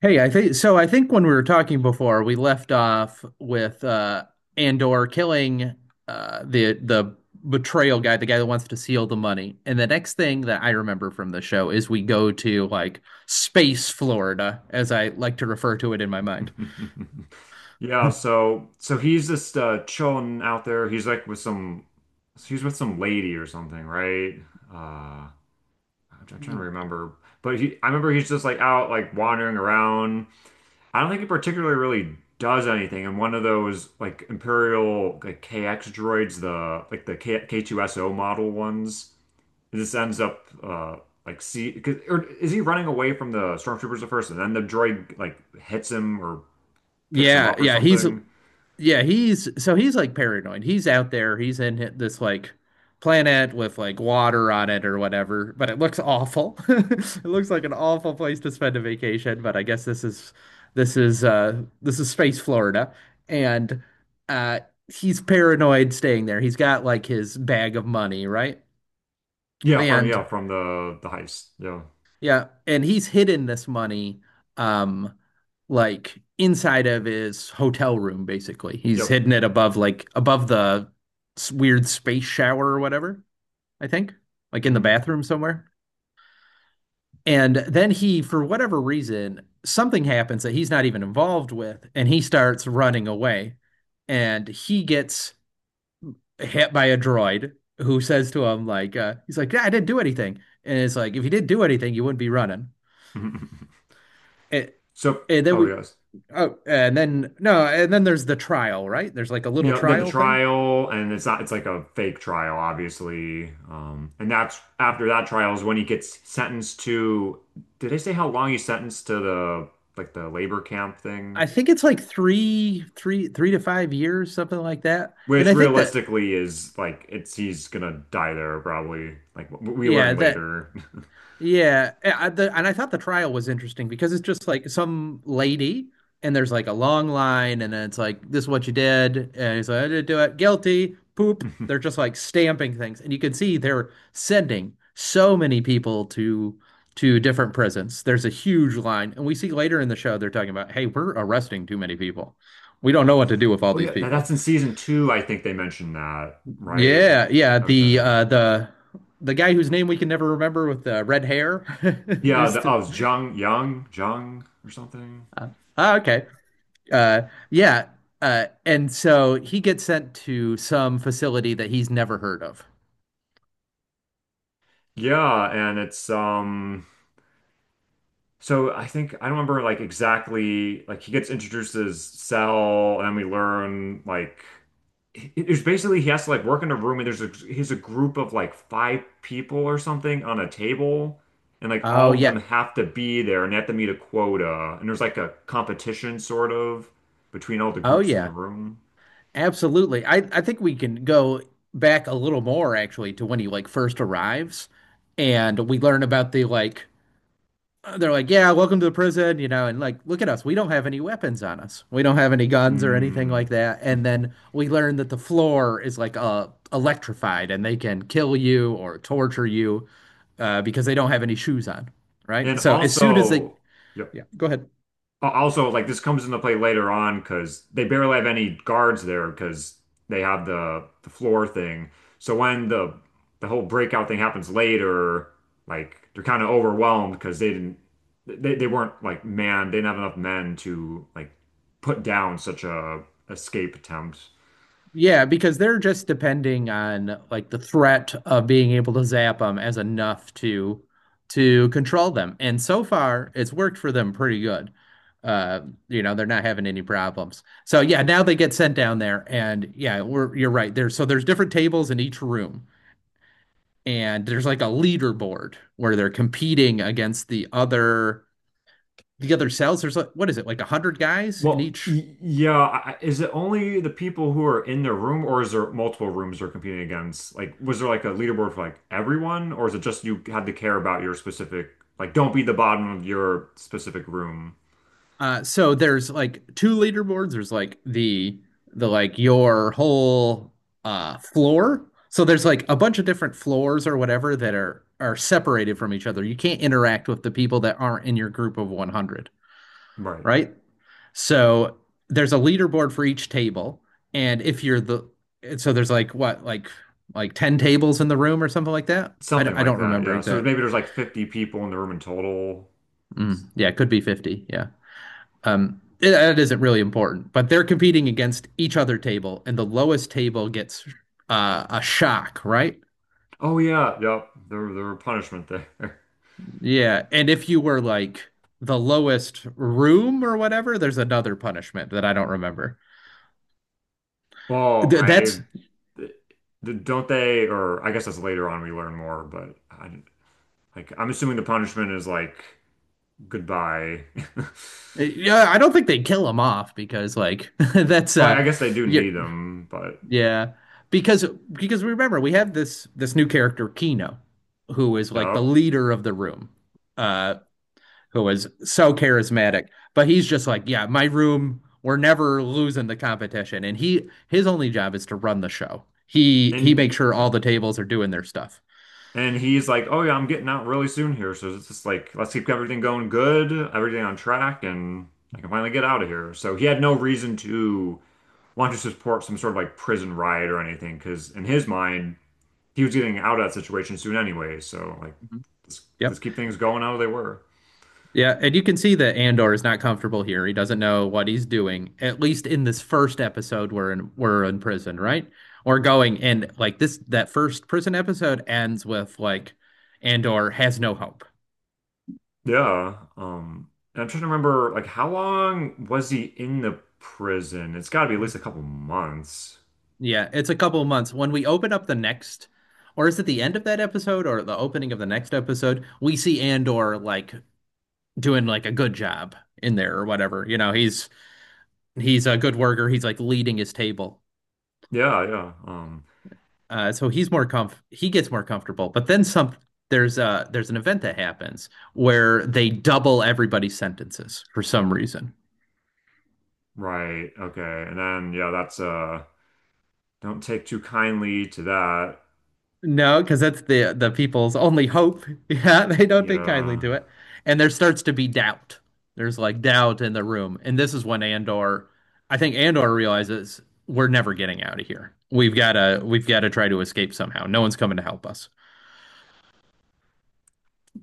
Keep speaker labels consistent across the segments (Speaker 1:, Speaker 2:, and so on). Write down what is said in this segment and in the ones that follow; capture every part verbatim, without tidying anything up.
Speaker 1: Hey, I think so. I think when we were talking before, we left off with uh, Andor killing uh, the the betrayal guy, the guy that wants to steal the money. And the next thing that I remember from the show is we go to like space Florida, as I like to refer to it in my mind.
Speaker 2: Yeah, so so he's just uh chilling out there. He's like with some he's with some lady or something, right? Uh I'm I'm trying to remember. But he I remember he's just like out like wandering around. I don't think he particularly really does anything. And one of those like Imperial like K X droids, the like the K K2SO model ones, it just ends up uh like see 'cause- or is he running away from the stormtroopers at first and then the droid like hits him or picks him
Speaker 1: Yeah,
Speaker 2: up or
Speaker 1: yeah, he's
Speaker 2: something?
Speaker 1: Yeah, he's so he's like paranoid. He's out there. He's in hi- this like planet with like water on it or whatever, but it looks awful. It looks like an awful place to spend a vacation, but I guess this is this is uh this is space Florida and uh he's paranoid staying there. He's got like his bag of money, right?
Speaker 2: Yeah, from
Speaker 1: And
Speaker 2: yeah, from the the heist. Yeah.
Speaker 1: yeah, and he's hidden this money, um, like inside of his hotel room, basically. He's
Speaker 2: Yep.
Speaker 1: hidden it above, like above the s- weird space shower or whatever, I think, like in the
Speaker 2: Hmm.
Speaker 1: bathroom somewhere. And then he, for whatever reason, something happens that he's not even involved with, and he starts running away. And he gets hit by a droid who says to him, like, uh, he's like, "Yeah, I didn't do anything." And it's like, if you didn't do anything, you wouldn't be running. It,
Speaker 2: So,
Speaker 1: and then
Speaker 2: oh
Speaker 1: we
Speaker 2: yes.
Speaker 1: Oh, and then no, and then there's the trial, right? There's like a little
Speaker 2: Yeah, the, the
Speaker 1: trial thing.
Speaker 2: trial and it's not it's like a fake trial, obviously. Um and that's after that trial is when he gets sentenced to did they say how long he's sentenced to the like the labor camp thing?
Speaker 1: I think it's like three, three, three to five years, something like that. And
Speaker 2: Which
Speaker 1: I think that,
Speaker 2: realistically is like it's he's gonna die there probably. Like w- we
Speaker 1: yeah,
Speaker 2: learn
Speaker 1: that
Speaker 2: later.
Speaker 1: Yeah. eh, I, the, and I thought the trial was interesting because it's just like some lady, and there's like a long line, and then it's like, this is what you did. And he's like, I didn't do it. Guilty. Poop. They're just like stamping things. And you can see they're sending so many people to to different prisons. There's a huge line. And we see later in the show they're talking about, hey, we're arresting too many people. We don't know what to do with all
Speaker 2: Oh
Speaker 1: these
Speaker 2: yeah, that,
Speaker 1: people.
Speaker 2: that's in season two, I think they mentioned that, right?
Speaker 1: Yeah, yeah.
Speaker 2: Okay.
Speaker 1: The uh the the guy whose name we can never remember with the red hair.
Speaker 2: Yeah,
Speaker 1: There's
Speaker 2: the, oh, it's Zhang Yang, Zhang or something.
Speaker 1: Uh, oh, okay. Uh, yeah. Uh, and so he gets sent to some facility that he's never heard of.
Speaker 2: Yeah, and it's um so I think I don't remember like exactly like he gets introduced as Cell and we learn like it- it's basically he has to like work in a room and there's a he's a group of like five people or something on a table and like
Speaker 1: Oh,
Speaker 2: all of them
Speaker 1: yeah.
Speaker 2: have to be there and they have to meet a quota and there's like a competition sort of between all the
Speaker 1: Oh,
Speaker 2: groups in the
Speaker 1: yeah.
Speaker 2: room.
Speaker 1: Absolutely. I, I think we can go back a little more actually to when he like first arrives and we learn about the like they're like, yeah, welcome to the prison, you know, and like, look at us. We don't have any weapons on us. We don't have any guns or anything
Speaker 2: Mm.
Speaker 1: like that. And then we learn that the floor is like uh electrified and they can kill you or torture you uh because they don't have any shoes on, right?
Speaker 2: And
Speaker 1: So as soon as they,
Speaker 2: also, yeah.
Speaker 1: yeah, go ahead.
Speaker 2: Also, like this comes into play later on because they barely have any guards there because they have the the floor thing. So when the the whole breakout thing happens later, like they're kind of overwhelmed because they didn't they, they weren't like man they didn't have enough men to like put down such a escape attempt.
Speaker 1: Yeah, because they're just depending on like the threat of being able to zap them as enough to to control them. And so far, it's worked for them pretty good. Uh, you know, they're not having any problems. So yeah, now they get sent down there and yeah, we're you're right. There's so there's different tables in each room and there's like a leaderboard where they're competing against the other the other cells. There's like what is it? Like a hundred guys in
Speaker 2: Well,
Speaker 1: each.
Speaker 2: y- yeah, I- is it only the people who are in the room, or is there multiple rooms they're competing against? Like, was there like a leaderboard for like everyone, or is it just you had to care about your specific, like, don't be the bottom of your specific room?
Speaker 1: Uh, so there's like two leaderboards. There's like the the like your whole uh floor. So there's like a bunch of different floors or whatever that are are separated from each other. You can't interact with the people that aren't in your group of one hundred,
Speaker 2: Right.
Speaker 1: right? So there's a leaderboard for each table, and if you're the so there's like what like like ten tables in the room or something like that. I I d-
Speaker 2: Something
Speaker 1: I
Speaker 2: like
Speaker 1: don't
Speaker 2: that,
Speaker 1: remember
Speaker 2: yeah. So
Speaker 1: exact.
Speaker 2: maybe there's like fifty people in the room in total.
Speaker 1: Mm, yeah, it could be fifty. Yeah. Um, it- that isn't really important, but they're competing against each other table, and the lowest table gets uh, a shock, right?
Speaker 2: Oh yeah, yep. There, there were punishment there.
Speaker 1: Yeah, and if you were like the lowest room or whatever, there's another punishment that I don't remember.
Speaker 2: Well,
Speaker 1: Th- that's
Speaker 2: I th- don't they, or I guess that's later on we learn more, but I, like I'm assuming the punishment is like. Goodbye.
Speaker 1: yeah, I don't think they kill him off because like that's
Speaker 2: Well, I
Speaker 1: uh
Speaker 2: guess they do
Speaker 1: you're,
Speaker 2: need him, but
Speaker 1: yeah, because because remember we have this this new character Kino who is like the
Speaker 2: yep.
Speaker 1: leader of the room. Uh who is so charismatic. But he's just like, yeah, my room, we're never losing the competition. And he his only job is to run the show. He he
Speaker 2: And
Speaker 1: makes sure all
Speaker 2: yep.
Speaker 1: the tables are doing their stuff.
Speaker 2: And he's like, "Oh yeah, I'm getting out really soon here, so it's just like let's keep everything going good, everything on track, and I can finally get out of here." So he had no reason to want to support some sort of like prison riot or anything, because in his mind, he was getting out of that situation soon anyway. So like,
Speaker 1: Mhm.
Speaker 2: let's,
Speaker 1: Yep.
Speaker 2: let's keep things going how they were.
Speaker 1: Yeah, and you can see that Andor is not comfortable here. He doesn't know what he's doing, at least in this first episode we're in we're in prison, right? Or going and like this that first prison episode ends with like Andor has no hope.
Speaker 2: Yeah. Um, and I'm trying to remember, like, how long was he in the prison? It's got to be at least a couple months.
Speaker 1: Yeah, it's a couple of months. When we open up the next or is it the end of that episode or the opening of the next episode, we see Andor like doing like a good job in there or whatever. You know, he's he's a good worker. He's like leading his table.
Speaker 2: Yeah, yeah. Um,
Speaker 1: Uh, so he's more comf he gets more comfortable. But then some there's a there's an event that happens where they double everybody's sentences for some reason.
Speaker 2: right. Okay. And then, yeah, that's uh, don't take too kindly to that.
Speaker 1: No, because that's the the people's only hope. Yeah, they don't take kindly
Speaker 2: Yeah.
Speaker 1: to it. And there starts to be doubt. There's like doubt in the room. And this is when Andor, I think Andor realizes we're never getting out of here. We've gotta we've gotta try to escape somehow. No one's coming to help us.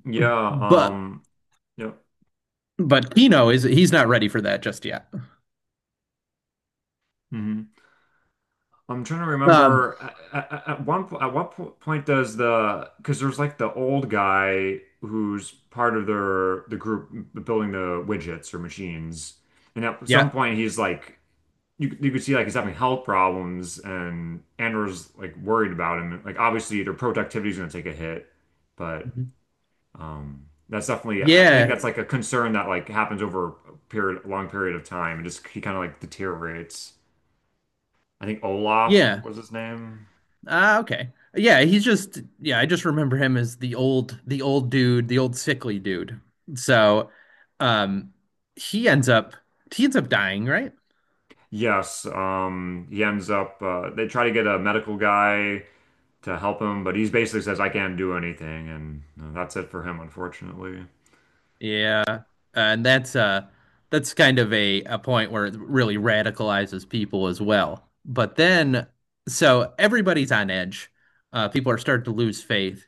Speaker 2: Yeah.
Speaker 1: But
Speaker 2: Um, yeah.
Speaker 1: but Kino is he's not ready for that just yet.
Speaker 2: Mhm. I'm trying to
Speaker 1: Um
Speaker 2: remember at, at, at one po- at what po point does the because there's like the old guy who's part of their the group building the widgets or machines, and at
Speaker 1: yeah.
Speaker 2: some point he's like you you could see like he's having health problems and Andor's like worried about him. Like obviously their productivity's gonna take a hit, but
Speaker 1: Mhm.
Speaker 2: um that's definitely I, I think
Speaker 1: Yeah,
Speaker 2: that's like a concern that like happens over a period long period of time and just he kind of like deteriorates. I think Olaf
Speaker 1: yeah.
Speaker 2: was his name.
Speaker 1: Ah, okay. Yeah, he's just yeah, I just remember him as the old the old dude, the old sickly dude. So, um he ends up he ends up dying, right?
Speaker 2: Yes, um, he ends up. Uh, they try to get a medical guy to help him, but he basically says, "I can't do anything," and uh, that's it for him, unfortunately.
Speaker 1: Yeah. And that's uh that's kind of a a point where it really radicalizes people as well. But then so everybody's on edge. Uh people are starting to lose faith.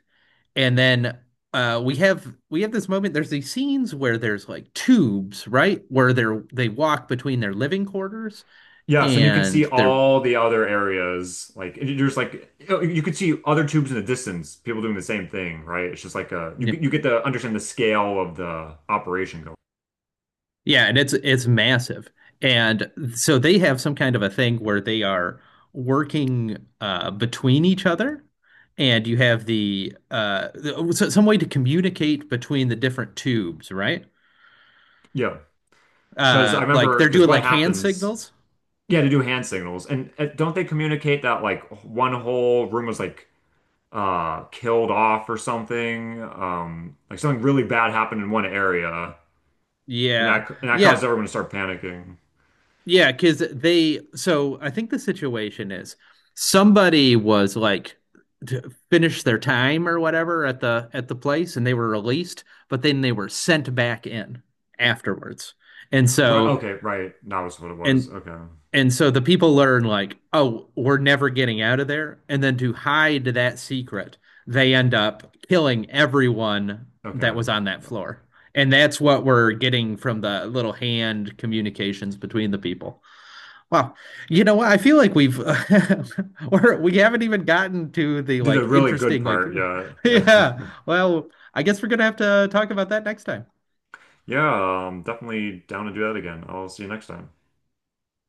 Speaker 1: And then uh we have we have this moment. There's these scenes where there's like tubes, right? Where they're they walk between their living quarters
Speaker 2: Yes, and you can
Speaker 1: and
Speaker 2: see
Speaker 1: their
Speaker 2: all the other areas. Like it- there's like you you could see other tubes in the distance, people doing the same thing, right? It's just like a you
Speaker 1: yeah,
Speaker 2: you get to understand the scale of the operation going.
Speaker 1: yeah, and it's it's massive. And so they have some kind of a thing where they are working uh between each other. And you have the uh the- so- some way to communicate between the different tubes, right?
Speaker 2: Yeah, because
Speaker 1: Uh
Speaker 2: I
Speaker 1: like
Speaker 2: remember
Speaker 1: they're
Speaker 2: because
Speaker 1: doing
Speaker 2: what
Speaker 1: like hand
Speaker 2: happens?
Speaker 1: signals.
Speaker 2: Yeah, to do hand signals, and uh, don't they communicate that like one whole room was like uh killed off or something. Um like something really bad happened in one area and
Speaker 1: Yeah.
Speaker 2: that and that caused
Speaker 1: Yeah.
Speaker 2: everyone to start panicking.
Speaker 1: Yeah, because they, so I think the situation is somebody was like to finish their time or whatever at the at the place and they were released, but then they were sent back in afterwards. And
Speaker 2: Right,
Speaker 1: so
Speaker 2: okay, right. That was what it
Speaker 1: and
Speaker 2: was. Okay.
Speaker 1: and so the people learn like, oh, we're never getting out of there. And then to hide that secret, they end up killing everyone that
Speaker 2: Okay.
Speaker 1: was on that
Speaker 2: No.
Speaker 1: floor. And that's what we're getting from the little hand communications between the people. Wow. You know what? I feel like we've or we haven't even gotten to the
Speaker 2: Did the
Speaker 1: like
Speaker 2: really good
Speaker 1: interesting like
Speaker 2: part. Yeah. Yeah.
Speaker 1: yeah. Well, I guess we're gonna have to talk about that next time.
Speaker 2: Yeah, um definitely down to do that again. I'll see you next time.